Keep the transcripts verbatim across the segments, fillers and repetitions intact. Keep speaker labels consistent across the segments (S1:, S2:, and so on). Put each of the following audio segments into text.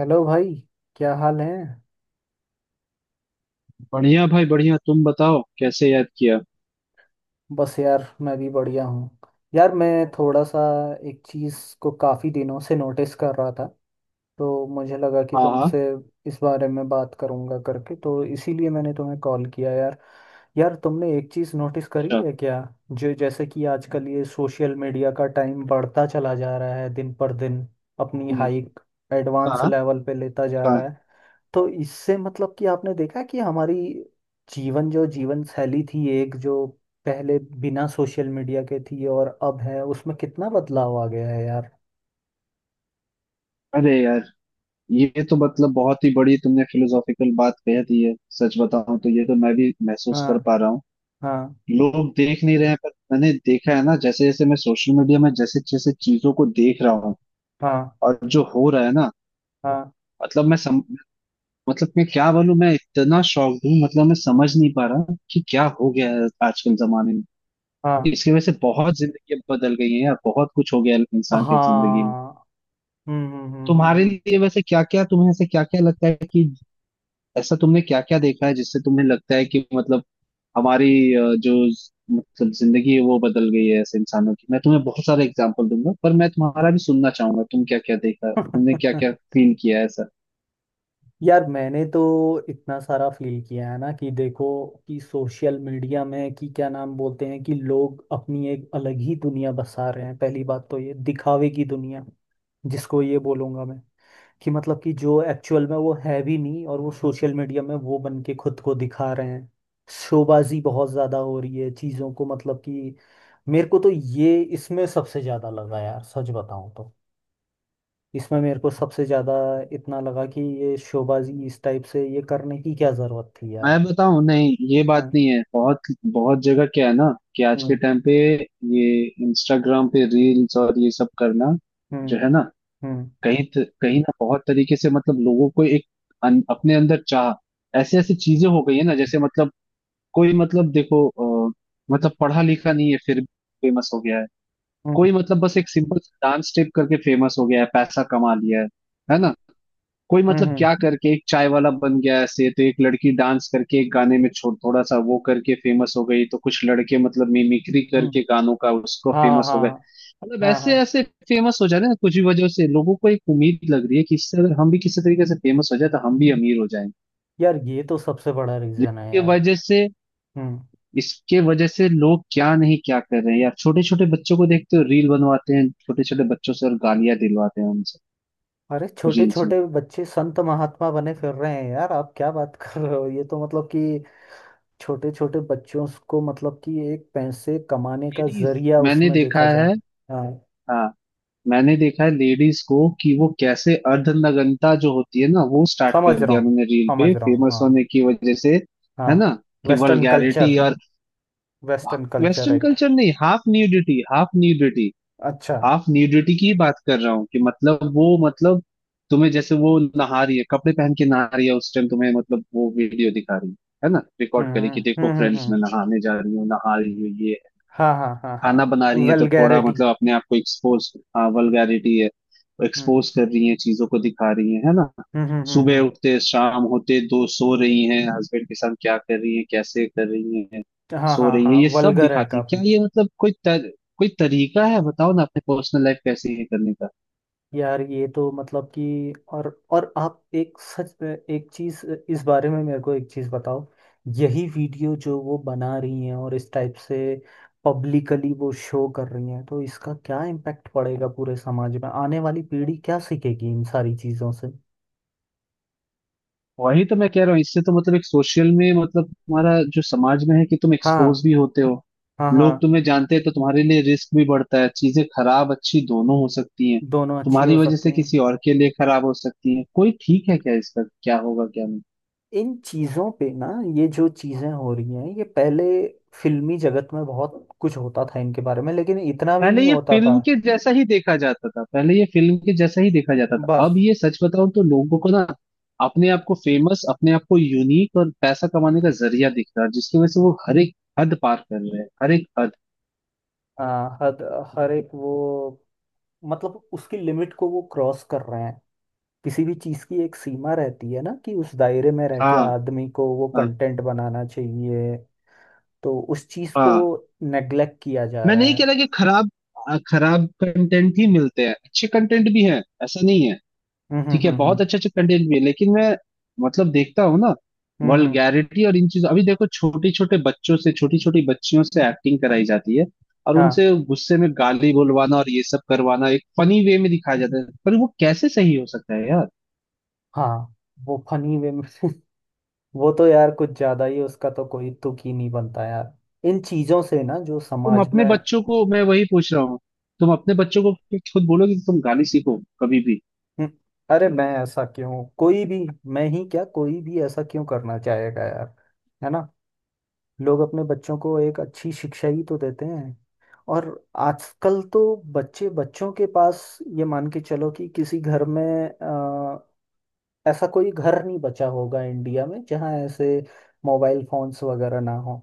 S1: Hello भाई। क्या हाल है?
S2: बढ़िया भाई बढ़िया। तुम बताओ, कैसे याद किया?
S1: बस यार, मैं भी बढ़िया हूँ। यार, मैं थोड़ा सा एक चीज़ को काफ़ी दिनों से नोटिस कर रहा था। तो मुझे लगा कि
S2: हाँ हाँ।
S1: तुमसे इस बारे में बात करूँगा करके, तो इसीलिए मैंने तुम्हें कॉल किया यार। यार, तुमने एक चीज़ नोटिस करी
S2: अच्छा।
S1: है क्या? जो जैसे कि आजकल ये सोशल मीडिया का टाइम बढ़ता चला जा रहा है दिन पर दिन। अपनी
S2: हम्म।
S1: हाइक एडवांस
S2: हाँ।
S1: लेवल पे लेता जा
S2: हाँ।
S1: रहा है। तो इससे मतलब कि आपने देखा कि हमारी जीवन, जो जीवन शैली थी एक जो पहले बिना सोशल मीडिया के थी और अब है, उसमें कितना बदलाव आ गया है यार।
S2: अरे यार, ये तो मतलब बहुत ही बड़ी तुमने फिलोसॉफिकल बात कह दी है। सच बताऊं तो ये तो मैं भी महसूस
S1: हाँ,
S2: कर पा रहा हूँ।
S1: हाँ,
S2: लोग देख नहीं रहे हैं पर मैंने देखा है ना, जैसे जैसे मैं सोशल मीडिया में जैसे जैसे चीजों को देख रहा हूँ
S1: हाँ,
S2: और जो हो रहा है ना,
S1: हाँ,
S2: मतलब मैं सम, मतलब मैं क्या बोलूं, मैं इतना शॉक्ड हूँ। मतलब मैं समझ नहीं पा रहा कि क्या हो गया है आजकल जमाने में।
S1: हाँ,
S2: इसकी वजह से बहुत जिंदगी बदल गई है यार, बहुत कुछ हो गया है इंसान के जिंदगी में।
S1: हाँ। हम्म, हम्म, हम्म,
S2: तुम्हारे
S1: हम्म,
S2: लिए वैसे क्या क्या तुम्हें ऐसे क्या क्या लगता है कि ऐसा तुमने क्या क्या देखा है जिससे तुम्हें लगता है कि मतलब हमारी अ, जो ज- मतलब जिंदगी है वो बदल गई है ऐसे इंसानों की। मैं तुम्हें बहुत सारे एग्जाम्पल दूंगा पर मैं तुम्हारा भी सुनना चाहूंगा, तुम क्या क्या देखा, तुमने क्या
S1: हम्म।
S2: क्या फील किया है ऐसा।
S1: यार, मैंने तो इतना सारा फील किया है ना कि देखो कि सोशल मीडिया में कि क्या नाम बोलते हैं, कि लोग अपनी एक अलग ही दुनिया बसा रहे हैं। पहली बात तो ये दिखावे की दुनिया, जिसको ये बोलूंगा मैं, कि मतलब कि जो एक्चुअल में वो है भी नहीं और वो सोशल मीडिया में वो बन के खुद को दिखा रहे हैं। शोबाजी बहुत ज़्यादा हो रही है चीज़ों को, मतलब कि मेरे को तो ये इसमें सबसे ज़्यादा लगा यार, सच बताऊं तो। इसमें मेरे को सबसे ज़्यादा इतना लगा कि ये शोबाजी इस टाइप से ये करने की क्या ज़रूरत थी यार।
S2: मैं बताऊं, नहीं ये बात
S1: हाँ,
S2: नहीं है। बहुत बहुत जगह क्या है ना कि आज के
S1: हम्म,
S2: टाइम पे ये इंस्टाग्राम पे रील्स और ये सब करना जो
S1: हम्म,
S2: है ना,
S1: हम्म,
S2: कहीं त- कहीं ना बहुत तरीके से मतलब लोगों को एक अन, अपने अंदर चाह ऐसे ऐसे चीजें हो गई है ना। जैसे मतलब कोई मतलब देखो, अ, मतलब पढ़ा लिखा नहीं है, फिर फेमस हो गया है।
S1: हम्म,
S2: कोई मतलब बस एक सिंपल डांस स्टेप करके फेमस हो गया है, पैसा कमा लिया है है ना। कोई
S1: हम्म,
S2: मतलब
S1: हम्म,
S2: क्या करके एक चाय वाला बन गया, ऐसे तो एक लड़की डांस करके एक गाने में छोड़ थोड़ा सा वो करके फेमस हो गई, तो कुछ लड़के मतलब मिमिक्री
S1: हम्म,
S2: करके गानों का उसको
S1: हाँ,
S2: फेमस हो
S1: हाँ,
S2: गए। मतलब
S1: हाँ,
S2: ऐसे
S1: हाँ।
S2: ऐसे फेमस हो जा रहे हैं ना, कुछ भी वजह से लोगों को एक उम्मीद लग रही है कि इससे अगर हम भी किसी तरीके से फेमस हो जाए तो हम भी अमीर हो जाएंगे।
S1: यार, ये तो सबसे बड़ा रीज़न है
S2: जिसके
S1: यार।
S2: वजह से,
S1: हम्म।
S2: इसके वजह से लोग क्या नहीं क्या कर रहे हैं यार, छोटे छोटे बच्चों को देखते हो रील बनवाते हैं छोटे छोटे बच्चों से और गालियां दिलवाते हैं उनसे।
S1: अरे, छोटे
S2: रील्स में
S1: छोटे बच्चे संत महात्मा बने फिर रहे हैं यार। आप क्या बात कर रहे हो? ये तो मतलब कि छोटे छोटे बच्चों को मतलब कि एक पैसे कमाने का
S2: लेडीज,
S1: जरिया
S2: मैंने
S1: उसमें
S2: देखा
S1: देखा
S2: है।
S1: जाए। हाँ,
S2: हाँ। मैंने देखा है लेडीज को कि वो कैसे अर्धनग्नता जो होती है ना वो स्टार्ट
S1: समझ
S2: कर
S1: रहा
S2: दिया
S1: हूँ।
S2: उन्होंने रील पे
S1: समझ रहा हूँ,
S2: फेमस
S1: हाँ।
S2: होने की वजह से,
S1: हाँ।
S2: है ना कि
S1: वेस्टर्न
S2: वल्गैरिटी
S1: कल्चर।
S2: और।
S1: Western culture
S2: western
S1: act.
S2: Culture नहीं, हाफ न्यूडिटी, हाफ न्यूडिटी।
S1: अच्छा।
S2: हाफ न्यूडिटी की ही बात कर रहा हूँ कि मतलब वो मतलब तुम्हें, जैसे वो नहा रही है, कपड़े पहन के नहा रही है, उस टाइम तुम्हें मतलब वो वीडियो दिखा रही है। है ना,
S1: हम्म,
S2: रिकॉर्ड करे कि
S1: हम्म,
S2: देखो
S1: हम्म, हम्म,
S2: फ्रेंड्स
S1: हम्म,
S2: मैं नहाने जा रही हूँ, नहा रही हूँ, ये
S1: हाँ, हाँ, हाँ, हाँ।
S2: खाना बना रही है, तो थोड़ा
S1: वेलगैरिटी।
S2: मतलब अपने आप को एक्सपोज। हाँ वल्गैरिटी है, तो
S1: हम्म,
S2: एक्सपोज कर रही है, चीजों को दिखा रही है है ना।
S1: हम्म, हम्म, हम्म,
S2: सुबह
S1: हम्म,
S2: उठते शाम होते दो सो रही हैं, हस्बैंड के साथ क्या कर रही है, कैसे कर रही है,
S1: हाँ,
S2: सो
S1: हाँ,
S2: रही है,
S1: हाँ,
S2: ये सब
S1: वल्गर है
S2: दिखाती है।
S1: काफी।
S2: क्या ये मतलब कोई तर, कोई तरीका है बताओ ना अपने पर्सनल लाइफ कैसे ये करने का।
S1: यार, ये तो मतलब कि और और आप एक सच में एक चीज इस बारे में मेरे को एक चीज बताओ। यही वीडियो जो वो बना रही हैं और इस टाइप से पब्लिकली वो शो कर रही हैं, तो इसका क्या इम्पैक्ट पड़ेगा पूरे समाज में? आने वाली पीढ़ी क्या सीखेगी इन सारी चीजों से?
S2: वही तो मैं कह रहा हूँ, इससे तो मतलब एक सोशल में मतलब तुम्हारा जो समाज में है कि तुम एक्सपोज
S1: हाँ,
S2: भी होते हो,
S1: हाँ, हाँ,
S2: लोग तुम्हें जानते हैं, तो तुम्हारे लिए रिस्क भी बढ़ता है। चीजें खराब अच्छी दोनों हो सकती हैं।
S1: दोनों अच्छी
S2: तुम्हारी
S1: हो
S2: वजह
S1: सकती
S2: से
S1: हैं।
S2: किसी और के लिए खराब हो सकती है कोई, ठीक है क्या, इसका क्या होगा क्या नहीं।
S1: इन चीजों पे ना, ये जो चीजें हो रही हैं ये पहले फिल्मी जगत में बहुत कुछ होता था इनके बारे में, लेकिन इतना भी
S2: पहले
S1: नहीं
S2: ये
S1: होता था।
S2: फिल्म के जैसा ही देखा जाता था, पहले ये फिल्म के जैसा ही देखा जाता था।
S1: बस।
S2: अब ये सच बताऊं तो लोगों को ना अपने आप को फेमस, अपने आप को यूनिक और पैसा कमाने का जरिया दिख रहा है, जिसकी वजह से वो हर एक हद पार कर रहे हैं, हर एक हद।
S1: हाँ, हद। हर एक वो, मतलब उसकी लिमिट को वो क्रॉस कर रहे हैं। किसी भी चीज की एक सीमा रहती है ना कि उस दायरे में रह के
S2: हाँ।
S1: आदमी को वो
S2: हाँ।
S1: कंटेंट बनाना चाहिए। तो उस चीज को
S2: हाँ।
S1: नेग्लेक्ट किया जा
S2: मैं
S1: रहा
S2: नहीं कह
S1: है।
S2: रहा कि खराब, आ, खराब कंटेंट ही मिलते हैं, अच्छे कंटेंट भी हैं, ऐसा नहीं है।
S1: हम्म, हम्म,
S2: ठीक है,
S1: हम्म, हम्म,
S2: बहुत अच्छे अच्छे कंटेंट भी है, लेकिन मैं मतलब देखता हूँ ना,
S1: हम्म, हम्म,
S2: वल्गैरिटी और इन चीजों, अभी देखो छोटे छोटे बच्चों से छोटी छोटी बच्चियों से एक्टिंग कराई जाती है और
S1: हाँ,
S2: उनसे गुस्से में गाली बोलवाना और ये सब करवाना एक फनी वे में दिखाया जाता है, पर वो कैसे सही हो सकता है यार।
S1: हाँ। वो फनी वे में। वो तो यार कुछ ज्यादा ही, उसका तो कोई तुक ही नहीं बनता यार। इन चीजों से ना जो
S2: तुम
S1: समाज में।
S2: अपने बच्चों को, मैं वही पूछ रहा हूँ, तुम अपने बच्चों को खुद बोलोगे कि तुम गाली सीखो कभी भी?
S1: हम्म। अरे, मैं ऐसा क्यों, कोई भी, मैं ही क्या, कोई भी ऐसा क्यों करना चाहेगा यार? है ना, लोग अपने बच्चों को एक अच्छी शिक्षा ही तो देते हैं। और आजकल तो बच्चे बच्चों के पास, ये मान के चलो कि किसी घर में, अ, ऐसा कोई घर नहीं बचा होगा इंडिया में जहाँ ऐसे मोबाइल फोन्स वगैरह ना हो,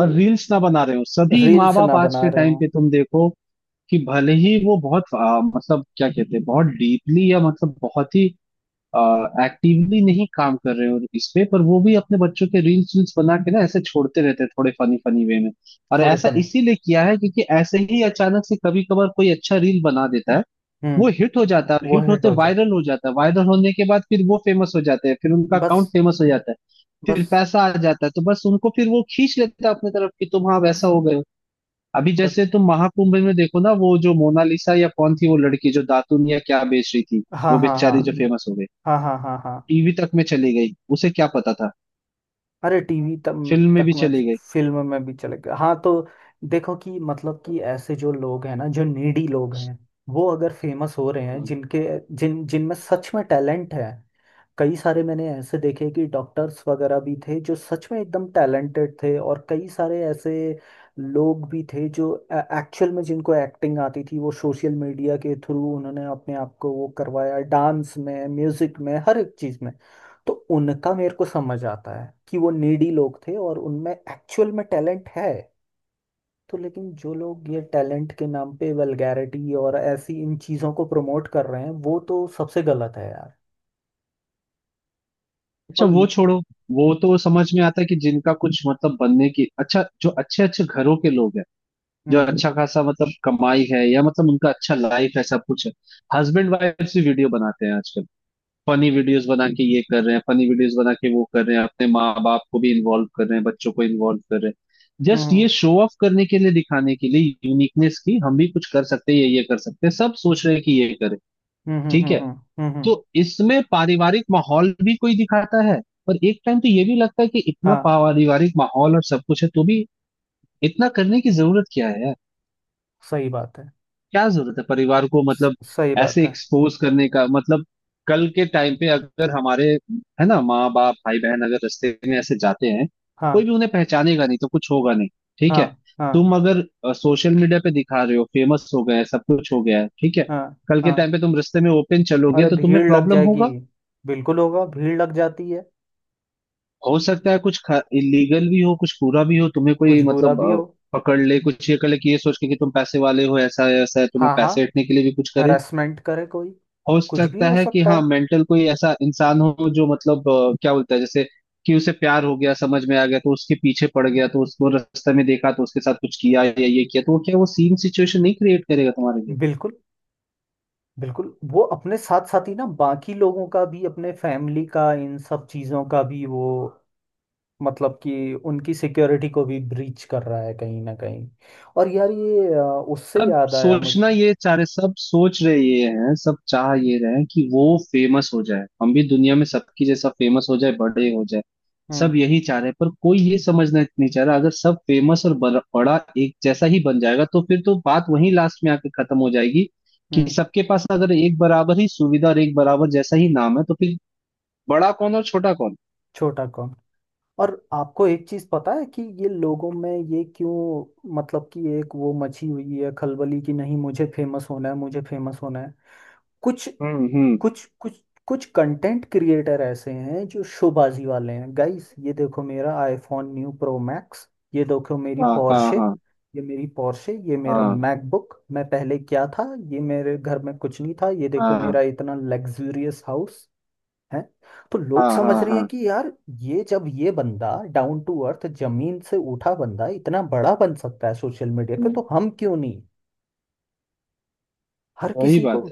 S2: और रील्स ना बना रहे हो सभी माँ
S1: रील्स
S2: बाप
S1: ना
S2: आज
S1: बना
S2: के
S1: रहे
S2: टाइम
S1: हो।
S2: पे तुम देखो, कि भले ही वो बहुत आ, मतलब क्या कहते हैं, बहुत डीपली या मतलब बहुत ही एक्टिवली नहीं काम कर रहे हो इस पे, पर वो भी अपने बच्चों के रील्स वील्स बना के ना ऐसे छोड़ते रहते हैं थोड़े फनी फनी वे में। और ऐसा
S1: थोड़ेपन।
S2: इसीलिए किया है क्योंकि ऐसे ही अचानक से कभी कभार कोई अच्छा रील बना देता है, वो
S1: हम्म।
S2: हिट हो जाता है,
S1: वो
S2: हिट
S1: हिट
S2: होते
S1: हो जाए।
S2: वायरल हो जाता है, वायरल होने के बाद फिर वो फेमस हो जाते हैं, फिर उनका
S1: बस,
S2: अकाउंट फेमस हो जाता है, फिर
S1: बस,
S2: पैसा आ जाता है, तो बस उनको फिर वो खींच लेता है अपनी तरफ कि तुम हाँ वैसा
S1: बस।
S2: हो गए हो। अभी
S1: तक।
S2: जैसे तुम महाकुंभ में देखो ना, वो जो मोनालिसा या कौन थी, वो लड़की जो दातुन या क्या बेच रही थी,
S1: हाँ,
S2: वो
S1: हाँ, हाँ,
S2: बेचारी जो फेमस हो गई,
S1: हाँ, हाँ, हाँ, हाँ।
S2: टीवी तक में चली गई, उसे क्या पता था,
S1: अरे, टीवी तक
S2: फिल्म में
S1: तक
S2: भी
S1: मैं,
S2: चली गई।
S1: फिल्म में भी चले गया हाँ। तो देखो कि मतलब कि ऐसे जो लोग हैं ना, जो नीडी लोग हैं वो अगर फेमस हो रहे हैं, जिनके जिन जिनमें सच में टैलेंट है। कई सारे मैंने ऐसे देखे कि डॉक्टर्स वगैरह भी थे जो सच में एकदम टैलेंटेड थे, और कई सारे ऐसे लोग भी थे जो एक्चुअल में जिनको एक्टिंग आती थी, वो सोशल मीडिया के थ्रू उन्होंने अपने आप को वो करवाया डांस में म्यूजिक में हर एक चीज़ में। तो उनका मेरे को समझ आता है कि वो नीडी लोग थे और उनमें एक्चुअल में टैलेंट है। तो लेकिन जो लोग ये टैलेंट के नाम पे वल्गैरिटी और ऐसी इन चीज़ों को प्रमोट कर रहे हैं, वो तो सबसे गलत है यार।
S2: अच्छा
S1: और
S2: वो छोड़ो, वो तो समझ में आता है कि जिनका कुछ मतलब बनने की, अच्छा जो अच्छे अच्छे घरों के लोग हैं, जो
S1: हम्म,
S2: अच्छा खासा मतलब कमाई है या मतलब उनका अच्छा लाइफ है, सब कुछ है, हस्बैंड वाइफ भी वीडियो बनाते हैं आजकल। फनी वीडियोस बना के ये कर रहे हैं, फनी वीडियोस बना के वो कर रहे हैं, अपने माँ बाप को भी इन्वॉल्व कर रहे हैं, बच्चों को इन्वॉल्व कर रहे हैं, जस्ट
S1: हम्म,
S2: ये शो ऑफ करने के लिए, दिखाने के लिए यूनिकनेस की हम भी कुछ कर सकते हैं, ये ये कर सकते हैं, सब सोच रहे हैं कि ये करें।
S1: हम्म, हम्म,
S2: ठीक
S1: हम्म,
S2: है,
S1: हम्म, हम्म, हम्म,
S2: तो
S1: हम्म,
S2: इसमें पारिवारिक माहौल भी कोई दिखाता है, पर एक टाइम तो ये भी लगता है कि इतना
S1: हाँ,
S2: पारिवारिक माहौल और सब कुछ है तो भी इतना करने की जरूरत क्या है यार।
S1: सही बात है।
S2: क्या जरूरत है परिवार को
S1: स-
S2: मतलब
S1: सही
S2: ऐसे
S1: बात है।
S2: एक्सपोज करने का, मतलब कल के टाइम पे अगर हमारे, है ना माँ बाप भाई बहन अगर रास्ते में ऐसे जाते हैं,
S1: हाँ,
S2: कोई भी उन्हें पहचानेगा नहीं तो कुछ होगा नहीं, ठीक
S1: हाँ,
S2: है।
S1: हाँ,
S2: तुम अगर सोशल मीडिया पे दिखा रहे हो, फेमस हो गए, सब कुछ हो गया है, ठीक है।
S1: हाँ,
S2: कल के
S1: हाँ।
S2: टाइम पे तुम रास्ते में ओपन चलोगे
S1: अरे,
S2: तो तुम्हें
S1: भीड़ लग
S2: प्रॉब्लम
S1: जाएगी।
S2: होगा।
S1: बिल्कुल होगा, भीड़ लग जाती है।
S2: हो सकता है कुछ इलीगल भी हो, कुछ पूरा भी हो, तुम्हें
S1: कुछ
S2: कोई
S1: बुरा
S2: मतलब
S1: भी हो।
S2: अ, पकड़ ले, कुछ ये कर ले कि ये सोच के कि तुम पैसे वाले हो, ऐसा है, ऐसा है, तुम्हें
S1: हाँ, हाँ,
S2: पैसे हटने के लिए भी कुछ करे।
S1: हरासमेंट करे कोई।
S2: हो
S1: कुछ भी
S2: सकता
S1: हो
S2: है कि
S1: सकता
S2: हाँ
S1: है।
S2: मेंटल कोई ऐसा इंसान हो जो मतलब अ, क्या बोलता है, जैसे कि उसे प्यार हो गया, समझ में आ गया, तो उसके पीछे पड़ गया, तो उसको रास्ते में देखा तो उसके साथ कुछ किया या ये किया, तो वो क्या वो सेम सिचुएशन नहीं क्रिएट करेगा तुम्हारे लिए?
S1: बिल्कुल, बिल्कुल। वो अपने साथ साथ ही ना बाकी लोगों का भी, अपने फैमिली का, इन सब चीजों का भी, वो मतलब कि उनकी सिक्योरिटी को भी ब्रीच कर रहा है कहीं ना कहीं। और यार ये, अ, उससे
S2: सब
S1: याद आया मुझे।
S2: सोचना ये चारे, सब सोच रहे ये हैं, सब चाह ये रहे हैं कि वो फेमस हो जाए, हम भी दुनिया में सबकी जैसा फेमस हो जाए, बड़े हो जाए।
S1: हम्म,
S2: सब यही चाह रहे हैं, पर कोई ये समझना नहीं चाह रहा अगर सब फेमस और बड़ा बड़ा एक जैसा ही बन जाएगा तो फिर तो बात वहीं लास्ट में आके खत्म हो जाएगी कि
S1: हम्म।
S2: सबके पास अगर एक बराबर ही सुविधा और एक बराबर जैसा ही नाम है तो फिर बड़ा कौन और छोटा कौन।
S1: छोटा कौन। और आपको एक चीज पता है कि ये लोगों में ये क्यों, मतलब कि एक वो मची हुई है खलबली कि नहीं मुझे फेमस होना है, मुझे फेमस होना है। कुछ
S2: हम्म हम्म।
S1: कुछ कुछ कुछ कंटेंट क्रिएटर ऐसे हैं जो शोबाजी वाले हैं। गाइस ये देखो मेरा आईफोन न्यू प्रो मैक्स। ये देखो मेरी
S2: हाँ हाँ
S1: पोर्शे,
S2: हाँ
S1: ये मेरी पोर्शे, ये मेरा
S2: हाँ
S1: मैकबुक। मैं पहले क्या था, ये मेरे घर में कुछ नहीं था। ये देखो
S2: हाँ
S1: मेरा इतना लग्जूरियस हाउस है। तो लोग
S2: हाँ
S1: समझ
S2: हाँ
S1: रहे हैं
S2: हाँ।
S1: कि यार, ये जब ये बंदा डाउन टू अर्थ, जमीन से उठा बंदा, इतना बड़ा बन सकता है सोशल मीडिया पे,
S2: हम्म,
S1: तो हम क्यों नहीं? हर
S2: वही
S1: किसी को,
S2: बात।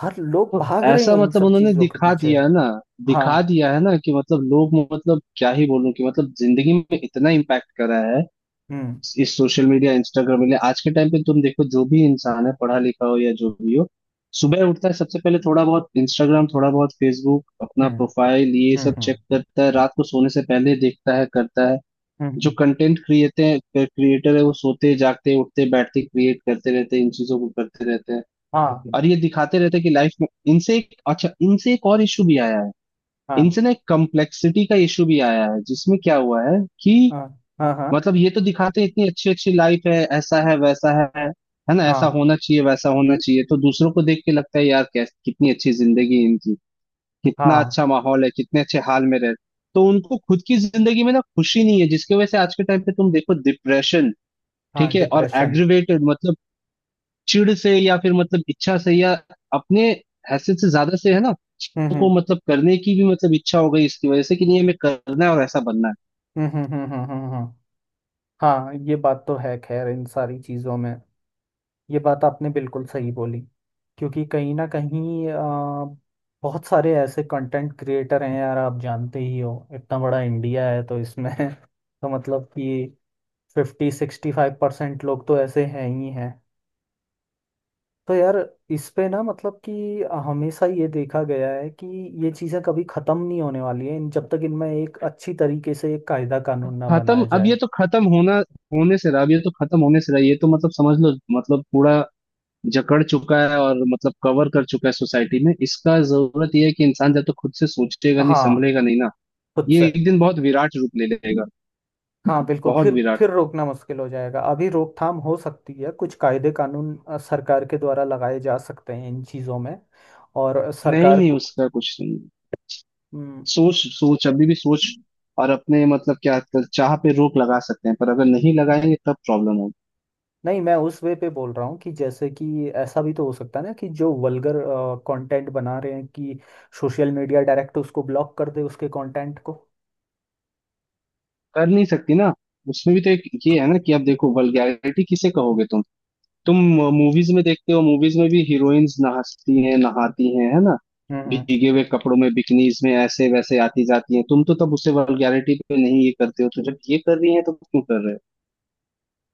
S1: हर लोग
S2: तो
S1: भाग रहे
S2: ऐसा
S1: हैं इन
S2: मतलब
S1: सब
S2: उन्होंने
S1: चीजों के
S2: दिखा
S1: पीछे।
S2: दिया है ना, दिखा
S1: हाँ,
S2: दिया है ना कि मतलब लोग मतलब क्या ही बोलूं कि मतलब जिंदगी में इतना इम्पैक्ट करा है
S1: हम्म,
S2: इस सोशल मीडिया इंस्टाग्राम ने। आज के टाइम पे तुम देखो, जो भी इंसान है, पढ़ा लिखा हो या जो भी हो, सुबह उठता है सबसे पहले थोड़ा बहुत इंस्टाग्राम, थोड़ा बहुत फेसबुक, अपना
S1: हम्म,
S2: प्रोफाइल ये
S1: हम्म,
S2: सब चेक
S1: हम्म,
S2: करता है, रात को सोने से पहले देखता है, करता है।
S1: हम्म, हम्म,
S2: जो कंटेंट क्रिएटर क्रिएटर है वो सोते जागते उठते बैठते क्रिएट करते रहते हैं इन चीजों को करते रहते हैं,
S1: हाँ,
S2: और ये दिखाते रहते हैं कि लाइफ में इनसे एक अच्छा, इनसे एक और इशू भी आया है,
S1: हाँ,
S2: इनसे ना एक कम्प्लेक्सिटी का इशू भी आया है जिसमें क्या हुआ है कि
S1: हाँ, हाँ, हाँ,
S2: मतलब ये तो दिखाते हैं इतनी अच्छी अच्छी लाइफ है, ऐसा है वैसा है है ना ऐसा
S1: हाँ,
S2: होना चाहिए वैसा होना चाहिए, तो दूसरों को देख के लगता है यार कैस कितनी अच्छी जिंदगी है इनकी, कितना
S1: हाँ,
S2: अच्छा माहौल है, कितने अच्छे हाल में रह। तो उनको खुद की जिंदगी में ना खुशी नहीं है, जिसकी वजह से आज के टाइम पे तुम देखो डिप्रेशन,
S1: हाँ,
S2: ठीक है, और
S1: डिप्रेशन।
S2: एग्रीवेटेड मतलब चिढ़ से या फिर मतलब इच्छा से या अपने हैसियत से ज्यादा से है ना, चीजों को
S1: हम्म,
S2: मतलब करने की भी मतलब इच्छा हो गई इसकी वजह से, कि नहीं हमें करना है और ऐसा बनना है।
S1: हम्म, हम्म, हम्म, हम्म, हम्म, हम्म, हाँ, ये बात तो है खैर, इन सारी चीजों में। ये बात आपने बिल्कुल सही बोली। क्योंकि कहीं ना कहीं अ, बहुत सारे ऐसे कंटेंट क्रिएटर हैं यार, आप जानते ही हो इतना बड़ा इंडिया है, तो इसमें तो मतलब कि फिफ्टी सिक्सटी फाइव परसेंट लोग तो ऐसे हैं ही हैं। तो यार, इस पे ना मतलब कि हमेशा ये देखा गया है कि ये चीज़ें कभी ख़त्म नहीं होने वाली है, इन जब तक इनमें एक अच्छी तरीके से एक कायदा कानून ना
S2: खत्म,
S1: बनाया
S2: अब ये
S1: जाए।
S2: तो खत्म होना होने से रहा, अब ये तो खत्म होने से रहा, ये तो मतलब समझ लो मतलब पूरा जकड़ चुका है और मतलब कवर कर चुका है सोसाइटी में। इसका जरूरत यह है कि इंसान जब तक तो खुद से सोचेगा नहीं
S1: हाँ,
S2: संभलेगा नहीं ना,
S1: खुद से।
S2: ये एक दिन बहुत विराट रूप ले लेगा।
S1: हाँ बिल्कुल,
S2: बहुत
S1: फिर
S2: विराट।
S1: फिर रोकना मुश्किल हो जाएगा। अभी रोकथाम हो सकती है, कुछ कायदे कानून अ, सरकार के द्वारा लगाए जा सकते हैं इन चीज़ों में। और
S2: नहीं
S1: सरकार
S2: नहीं
S1: को।
S2: उसका कुछ नहीं,
S1: हम्म।
S2: सोच सोच अभी भी सोच और अपने मतलब क्या चाह पे रोक लगा सकते हैं, पर अगर नहीं लगाएंगे तब प्रॉब्लम होगी।
S1: नहीं, मैं उस वे पे बोल रहा हूँ कि जैसे कि ऐसा भी तो हो सकता है ना कि जो वल्गर कंटेंट बना रहे हैं, कि सोशल मीडिया डायरेक्ट उसको ब्लॉक कर दे, उसके कंटेंट को।
S2: कर नहीं सकती ना, उसमें भी तो एक ये है ना कि अब देखो वल्गैरिटी किसे कहोगे तुम। तुम मूवीज में देखते हो, मूवीज में भी हीरोइंस नहाती हैं, नहाती हैं, है ना,
S1: हम्म, हम्म।
S2: भीगे हुए कपड़ों में बिकनीज में ऐसे वैसे आती जाती हैं, तुम तो तब उसे वल्गैरिटी पे नहीं ये करते हो, तो जब ये कर रही हैं तो क्यों कर रहे हो,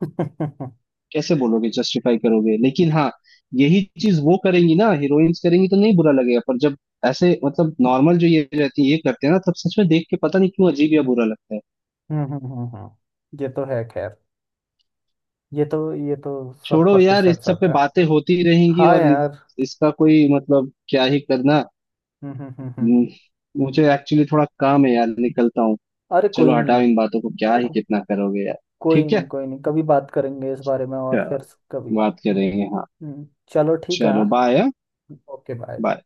S2: कैसे बोलोगे, जस्टिफाई करोगे, लेकिन हाँ। यही चीज वो करेंगी ना हीरोइंस, करेंगी तो नहीं बुरा लगेगा, पर जब ऐसे मतलब नॉर्मल जो ये रहती है ये करते हैं ना तब सच में देख के पता नहीं क्यों अजीब या बुरा लगता है।
S1: हम्म, हम्म, हम्म। हम्म। ये तो है खैर। ये तो ये तो शत
S2: छोड़ो यार, इस
S1: प्रतिशत
S2: सब
S1: सच
S2: पे
S1: है।
S2: बातें होती रहेंगी
S1: हाँ
S2: और इस,
S1: यार।
S2: इसका कोई मतलब क्या ही करना।
S1: हम्म, हम्म, हम्म, हम्म।
S2: हम्म, मुझे एक्चुअली थोड़ा काम है यार, निकलता हूँ।
S1: अरे, कोई
S2: चलो हटाओ
S1: नहीं।
S2: इन बातों को, क्या ही
S1: को-
S2: कितना करोगे यार।
S1: कोई
S2: ठीक
S1: नहीं,
S2: है,
S1: कोई नहीं। कभी बात करेंगे इस बारे में और
S2: चलो,
S1: फिर कभी।
S2: बात
S1: हम्म,
S2: करेंगे हाँ।
S1: हम्म। चलो ठीक है
S2: चलो
S1: हाँ।
S2: बाय।
S1: Okay bye.
S2: बाय।